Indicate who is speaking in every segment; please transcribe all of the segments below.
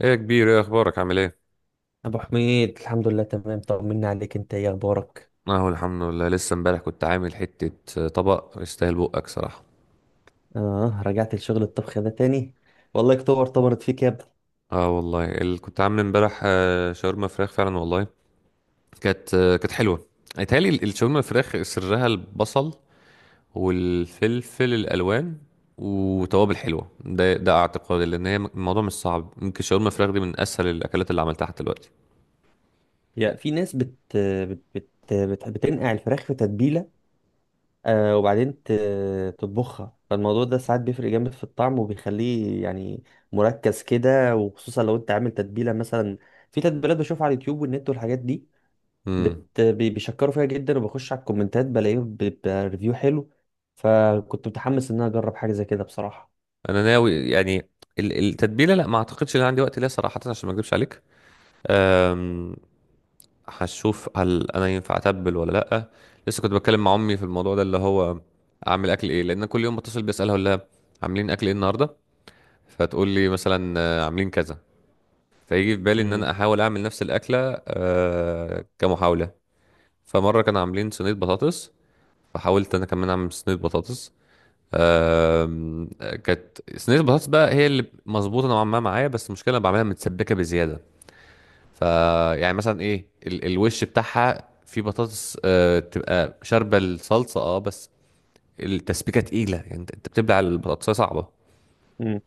Speaker 1: ايه يا كبير؟ ايه اخبارك؟ عامل ايه؟
Speaker 2: ابو حميد، الحمد لله تمام. طمنا عليك. انت ايه اخبارك؟
Speaker 1: اهو الحمد لله. لسه امبارح كنت عامل حتة طبق يستاهل بقك صراحة.
Speaker 2: اه، رجعت لشغل الطبخ ده تاني؟ والله اكتوبر طمرت فيك يا ابني.
Speaker 1: اه والله، اللي كنت عامل امبارح شاورما فراخ فعلا والله. كانت حلوة. اتهيألي الشاورما الفراخ سرها البصل والفلفل الالوان وتوابل حلوة. ده اعتقادي، لان هي الموضوع مش صعب. ممكن شاورما فراخ دي من اسهل الاكلات اللي عملتها حتى دلوقتي.
Speaker 2: يا، في ناس بتنقع الفراخ في تتبيله. وبعدين تطبخها. فالموضوع ده ساعات بيفرق جامد في الطعم، وبيخليه يعني مركز كده، وخصوصا لو انت عامل تتبيله مثلا. في تتبيلات بشوفها على اليوتيوب والنت والحاجات دي.
Speaker 1: امم.
Speaker 2: بيشكروا فيها جدا، وبخش على الكومنتات بلاقيه بريفيو حلو. فكنت متحمس ان انا اجرب حاجه زي كده بصراحه.
Speaker 1: انا ناوي يعني التتبيلة، لا، ما اعتقدش ان عندي وقت ليها صراحة، عشان ما اكذبش عليك. هشوف هل انا ينفع اتبل ولا لا. لسه كنت بتكلم مع امي في الموضوع ده، اللي هو اعمل اكل ايه. لان كل يوم بتصل بسالها، اقول لها عاملين اكل ايه النهارده؟ فتقول لي مثلا عاملين كذا. فيجي في بالي ان
Speaker 2: امم.
Speaker 1: انا احاول اعمل نفس الاكله، كمحاوله. فمره كانوا عاملين صينيه بطاطس، فحاولت انا كمان اعمل صينيه بطاطس. آم، كانت صينيه البطاطس بقى هي اللي مظبوطه نوعا ما معايا. بس المشكله، أنا بعملها متسبكه بزياده. ف يعني مثلا ايه الوش بتاعها؟ في بطاطس تبقى شاربه الصلصه بس التسبيكه تقيله، يعني انت بتبلع البطاطسايه، صعبه.
Speaker 2: امم.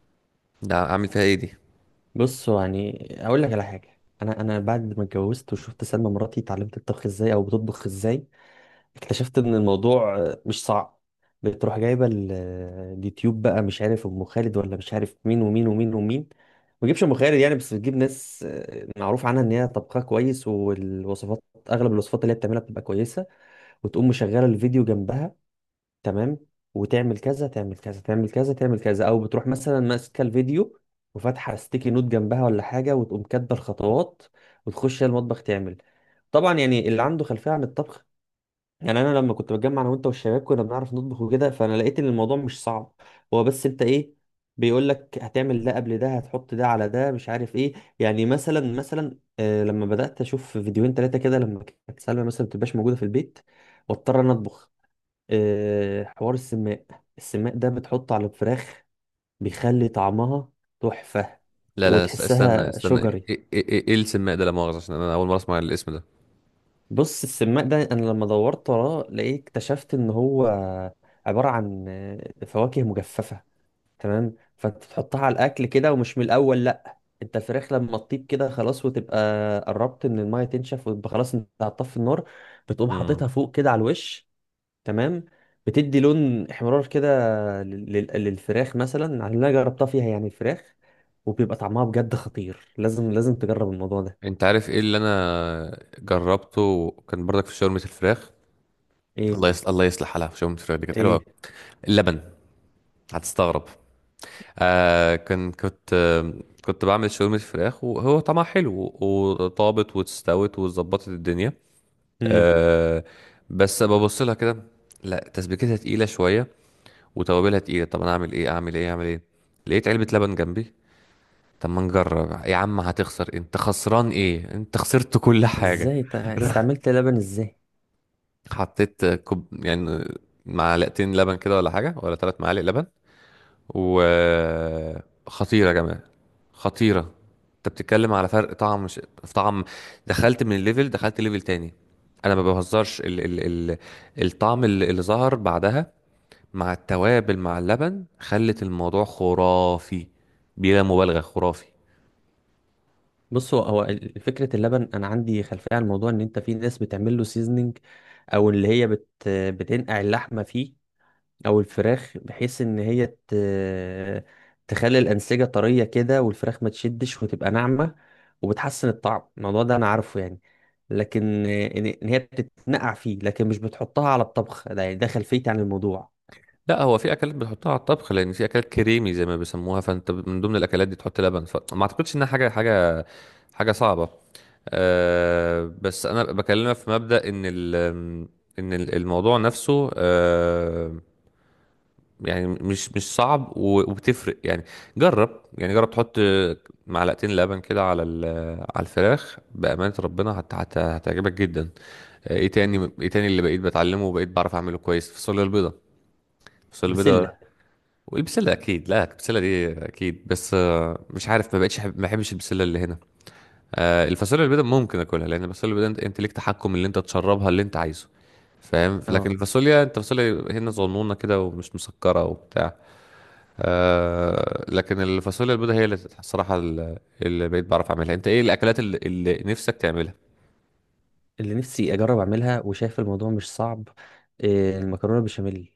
Speaker 1: ده عامل فيها ايه دي؟
Speaker 2: بص، هو يعني اقول لك على حاجه، انا انا بعد ما اتجوزت وشفت سلمى مراتي اتعلمت الطبخ ازاي، او بتطبخ ازاي. اكتشفت ان الموضوع مش صعب. بتروح جايبه اليوتيوب بقى، مش عارف ام خالد ولا مش عارف مين ومين ومين ومين. ما تجيبش ام خالد يعني، بس بتجيب ناس معروف عنها ان هي طبخها كويس. والوصفات، اغلب الوصفات اللي هي بتعملها بتبقى كويسه. وتقوم مشغله الفيديو جنبها، تمام، وتعمل كذا تعمل كذا تعمل كذا تعمل كذا. او بتروح مثلا ماسكه الفيديو وفاتحه ستيكي نوت جنبها ولا حاجه، وتقوم كاتبه الخطوات، وتخش هي المطبخ تعمل. طبعا يعني اللي عنده خلفيه عن الطبخ، يعني انا لما كنت بتجمع انا وانت والشباب كنا بنعرف نطبخ وكده، فانا لقيت ان الموضوع مش صعب. هو بس انت ايه، بيقول لك هتعمل ده قبل ده، هتحط ده على ده، مش عارف ايه. يعني مثلا لما بدات اشوف فيديوهين ثلاثه كده، لما كانت سلمى مثلا ما بتبقاش موجوده في البيت واضطر انا اطبخ. حوار السماق. السماق ده بتحطه على الفراخ، بيخلي طعمها تحفة.
Speaker 1: لا لا، استنى
Speaker 2: وتحسها
Speaker 1: استنى، ايه
Speaker 2: شجري.
Speaker 1: ايه، إيه السماء ده؟ لا مؤاخذه، عشان انا اول مره اسمع الاسم ده.
Speaker 2: بص، السماق ده انا لما دورت وراه لقيت اكتشفت ان هو عبارة عن فواكه مجففة. تمام. فانت تحطها على الاكل كده، ومش من الاول، لا انت الفراخ لما تطيب كده خلاص وتبقى قربت ان الميه تنشف، وتبقى خلاص انت هتطفي النار، بتقوم
Speaker 1: امم.
Speaker 2: حاططها فوق كده على الوش. تمام. بتدي لون احمرار كده للفراخ، مثلا على اللي انا جربتها فيها يعني الفراخ. وبيبقى طعمها بجد خطير. لازم لازم تجرب الموضوع ده.
Speaker 1: انت عارف ايه اللي انا جربته؟ كان برضك في شاورما الفراخ.
Speaker 2: ايه؟
Speaker 1: الله يصلح، الله يصلح حالها، في شاورما الفراخ دي كانت حلوه أوي.
Speaker 2: ايه؟
Speaker 1: اللبن، هتستغرب. آه كان كنت آه كنت بعمل شاورما فراخ، وهو طعمها حلو وطابت واستوت وظبطت الدنيا.
Speaker 2: امم.
Speaker 1: آه بس ببص لها كده، لا تسبيكتها تقيله شويه، وتوابلها تقيله. طب انا اعمل ايه؟ اعمل ايه؟ اعمل ايه؟ لقيت علبه لبن جنبي. طب ما نجرب يا عم. هتخسر؟ انت خسران ايه؟ انت خسرت كل حاجه.
Speaker 2: ازاي استعملت لبن؟ ازاي؟
Speaker 1: حطيت كوب يعني، معلقتين لبن كده ولا حاجه، ولا 3 معالق لبن. وخطيرة يا جماعة، خطيرة. انت بتتكلم على فرق طعم، مش... في طعم. دخلت من الليفل، دخلت ليفل تاني. انا ما بهزرش الطعم اللي ظهر بعدها، مع التوابل مع اللبن، خلت الموضوع خرافي. بلا مبالغة، خرافي.
Speaker 2: بص، هو فكره اللبن انا عندي خلفيه عن الموضوع، ان انت في ناس بتعمل له سيزنينج، او اللي هي بتنقع اللحمه فيه، او الفراخ بحيث ان هي تخلي الانسجه طريه كده، والفراخ ما تشدش وتبقى ناعمه، وبتحسن الطعم. الموضوع ده انا عارفه يعني، لكن إن هي بتتنقع فيه، لكن مش بتحطها على الطبخ ده يعني، ده خلفيتي عن الموضوع.
Speaker 1: لا، هو في اكلات بتحطها على الطبخ، لان في اكلات كريمي زي ما بيسموها، فانت من ضمن الاكلات دي تحط لبن. فما اعتقدش انها حاجة صعبة. بس انا بكلمك في مبدأ ان الموضوع نفسه. يعني مش صعب، وبتفرق يعني. جرب يعني، جرب تحط معلقتين لبن كده على على الفراخ. بأمانة ربنا هت هت هتعجبك جدا. ايه تاني؟ ايه تاني اللي بقيت بتعلمه وبقيت بعرف اعمله كويس؟ فاصوليا البيضة، فاصوليا البيضة
Speaker 2: بسله.
Speaker 1: والبسلة اكيد. لا، البسلة دي اكيد، بس مش عارف، ما بقتش ما بحبش البسلة اللي هنا. الفاصوليا البيضاء ممكن اكلها، لان الفاصوليا البيضاء انت ليك تحكم اللي انت تشربها اللي انت عايزه، فاهم. لكن
Speaker 2: اه.
Speaker 1: الفاصوليا، انت فاصوليا هنا صغنونه كده ومش مسكره وبتاع. لكن الفاصوليا البيضاء هي اللي، الصراحه اللي بقيت بعرف اعملها. انت ايه الاكلات اللي نفسك تعملها؟
Speaker 2: اللي نفسي اجرب اعملها وشايف الموضوع مش صعب، المكرونه بشاميل.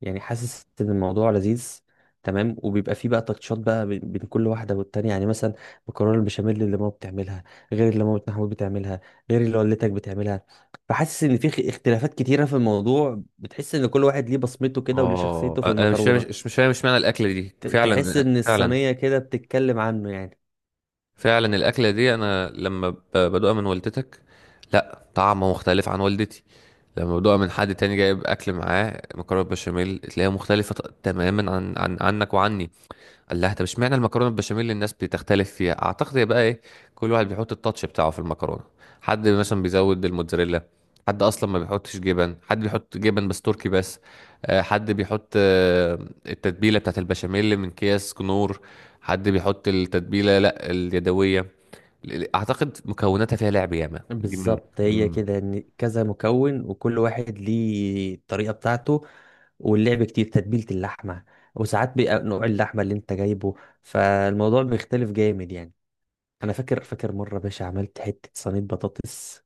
Speaker 2: يعني حاسس ان الموضوع لذيذ. تمام، وبيبقى فيه بقى تاتشات بقى بين بين كل واحده والتانيه، يعني مثلا مكرونه البشاميل اللي ماما بتعملها غير اللي مامة محمود بتعملها، غير اللي والدتك بتعملها. فحاسس ان في اختلافات كتيره في الموضوع، بتحس ان كل واحد ليه بصمته كده وليه
Speaker 1: اه،
Speaker 2: شخصيته في
Speaker 1: انا مش فاهم،
Speaker 2: المكرونه.
Speaker 1: مش فاهم، مش معنى الاكله دي
Speaker 2: تحس
Speaker 1: فعلا.
Speaker 2: ان
Speaker 1: فعلا،
Speaker 2: الصينيه كده بتتكلم عنه يعني.
Speaker 1: فعلا الاكله دي انا لما بدوقها من والدتك، لا، طعمه مختلف عن والدتي. لما بدوقها من حد تاني جايب اكل معاه مكرونه بشاميل، تلاقيها مختلفه تماما عن, عن عنك وعني. قال لها طب اشمعنى المكرونه البشاميل اللي الناس بتختلف فيها؟ اعتقد يبقى ايه؟ كل واحد بيحط التاتش بتاعه في المكرونه. حد مثلا بيزود الموتزاريلا، حد اصلا ما بيحطش جبن، حد بيحط جبن بس تركي بس. حد بيحط التتبيله بتاعت البشاميل من اكياس كنور. حد بيحط التتبيله، لا، اليدويه. اعتقد مكوناتها فيها لعب ياما، دي من.
Speaker 2: بالظبط، هي
Speaker 1: مم.
Speaker 2: كده ان كذا مكون وكل واحد ليه الطريقه بتاعته. واللعب كتير، تتبيله اللحمه، وساعات بيبقى نوع اللحمه اللي انت جايبه، فالموضوع بيختلف جامد يعني. انا فاكر مره يا باشا، عملت حته صينيه بطاطس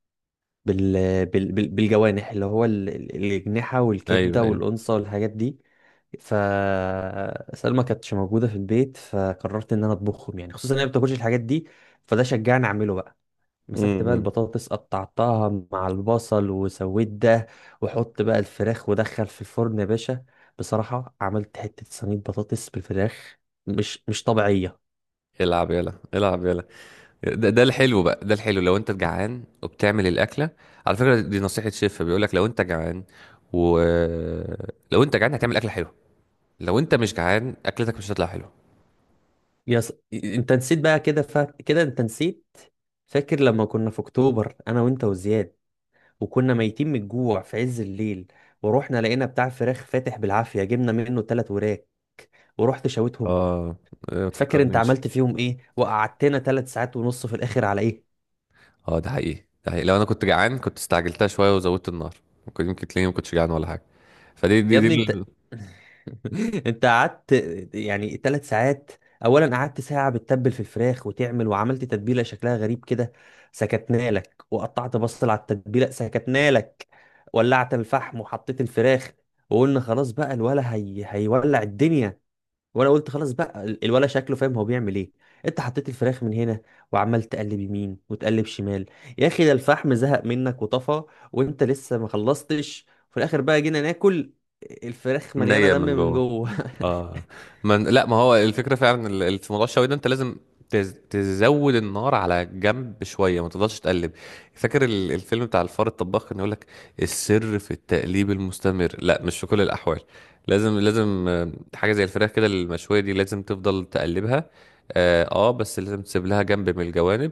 Speaker 2: بال... بالجوانح، اللي هو الاجنحه
Speaker 1: ايوه،
Speaker 2: والكبده
Speaker 1: ايوه.
Speaker 2: والانصه والحاجات دي. فسلمى كانتش موجوده في البيت، فقررت ان انا اطبخهم، يعني خصوصا ان هي ما بتاكلش الحاجات دي، فده شجعني اعمله بقى. مسكت بقى
Speaker 1: مم.
Speaker 2: البطاطس، قطعتها مع البصل وسويت ده، وحط بقى الفراخ ودخل في الفرن يا باشا. بصراحة عملت حتة صينية بطاطس بالفراخ مش طبيعية.
Speaker 1: العب يلا، العب يلا. ده الحلو بقى. ده الحلو لو انت جعان وبتعمل الاكله. على فكره، دي نصيحه شيف، بيقول لك لو انت جعان و لو انت جعان، هتعمل اكله حلوه. لو انت مش جعان، اكلتك مش هتطلع حلوه.
Speaker 2: انت نسيت بقى كده، كده انت نسيت. فاكر لما كنا في اكتوبر انا وانت وزياد، وكنا ميتين من الجوع في عز الليل، ورحنا لقينا بتاع فراخ فاتح بالعافية، جبنا منه 3 وراك ورحت شويتهم.
Speaker 1: اه، إيه، ما
Speaker 2: فاكر انت
Speaker 1: تفكرنيش.
Speaker 2: عملت فيهم ايه؟ وقعدتنا 3 ساعات ونص في الاخر على ايه؟
Speaker 1: اه، ده حقيقي، ده حقيقي. لو انا كنت جعان كنت استعجلتها شويه وزودت النار، يمكن تلاقيني ما كنتش جعان ولا حاجه. فدي
Speaker 2: يا
Speaker 1: دي
Speaker 2: ابني
Speaker 1: دي
Speaker 2: انت انت قعدت يعني 3 ساعات. اولا قعدت ساعه بتتبل في الفراخ وتعمل، وعملت تتبيله شكلها غريب كده، سكتنا لك. وقطعت بصل على التتبيله، سكتنا لك. ولعت الفحم وحطيت الفراخ، وقلنا خلاص بقى الولا هي هيولع الدنيا. وانا قلت خلاص بقى الولا شكله فاهم هو بيعمل ايه. انت حطيت الفراخ من هنا، وعمال تقلب يمين وتقلب شمال. يا اخي، ده الفحم زهق منك وطفى وانت لسه ما خلصتش. في الاخر بقى جينا ناكل الفراخ مليانه
Speaker 1: نية
Speaker 2: دم
Speaker 1: من
Speaker 2: من
Speaker 1: جوه.
Speaker 2: جوه
Speaker 1: اه. لا، ما هو الفكرة فعلا. في موضوع الشوي ده، انت لازم تزود النار على جنب شوية، ما تفضلش تقلب. فاكر الفيلم بتاع الفار الطباخ؟ كان يقولك السر في التقليب المستمر، لا، مش في كل الأحوال. لازم، لازم، حاجة زي الفراخ كده المشوية دي لازم تفضل تقلبها. اه، بس لازم تسيب لها جنب من الجوانب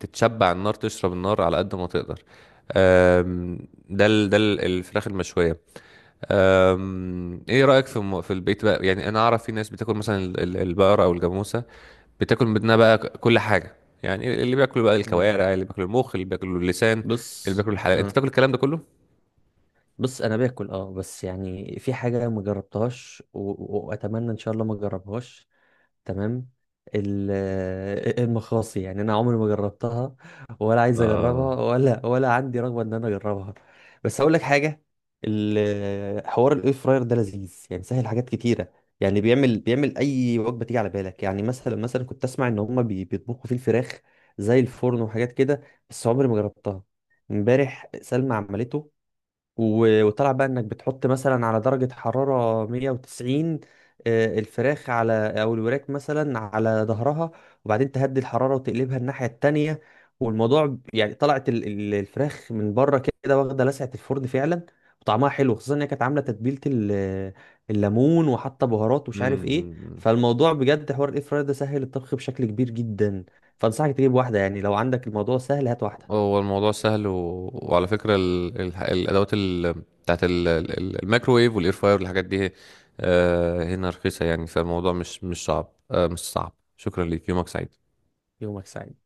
Speaker 1: تتشبع النار، تشرب النار على قد ما تقدر. آم، ده الفراخ المشوية. ايه رأيك في في البيت بقى؟ يعني انا اعرف في ناس بتاكل مثلا البقرة او الجاموسة، بتاكل منها بقى كل حاجة. يعني اللي بياكلوا بقى
Speaker 2: مم.
Speaker 1: الكوارع، اللي بياكلوا المخ، اللي بياكلوا اللسان، اللي
Speaker 2: بص.
Speaker 1: بياكلوا الحلال، انت
Speaker 2: آه.
Speaker 1: تاكل الكلام ده كله؟
Speaker 2: بص انا باكل اه، بس يعني في حاجه ما جربتهاش، واتمنى ان شاء الله ما جربهاش. تمام. ال- المخاصي يعني انا عمري ما جربتها، ولا عايز
Speaker 1: اه.
Speaker 2: اجربها، ولا عندي رغبه ان انا اجربها. بس اقول لك حاجه، حوار الاير فراير ده لذيذ يعني، سهل حاجات كتيره. يعني بيعمل اي وجبه تيجي على بالك. يعني مثلا كنت اسمع ان هم بيطبخوا فيه الفراخ زي الفرن وحاجات كده، بس عمري ما جربتها. امبارح سلمى عملته، وطلع بقى انك بتحط مثلا على درجة حرارة 190، الفراخ على، او الوراك مثلا على ظهرها، وبعدين تهدي الحرارة وتقلبها الناحية التانية. والموضوع يعني طلعت الفراخ من بره كده واخدة لسعة الفرن فعلا، وطعمها حلو خصوصا انها كانت عاملة تتبيلة الليمون وحاطة بهارات ومش عارف ايه.
Speaker 1: امم.
Speaker 2: فالموضوع بجد حوار الاير فراير ده سهل الطبخ بشكل كبير جدا. فانصحك تجيب واحدة يعني، لو عندك الموضوع سهل هات واحدة.
Speaker 1: هو الموضوع سهل، وعلى فكرة الادوات بتاعت الميكروويف والاير فاير والحاجات دي، هنا رخيصة يعني. فالموضوع مش صعب، مش صعب. شكرا ليك، يومك سعيد.
Speaker 2: يومك سعيد.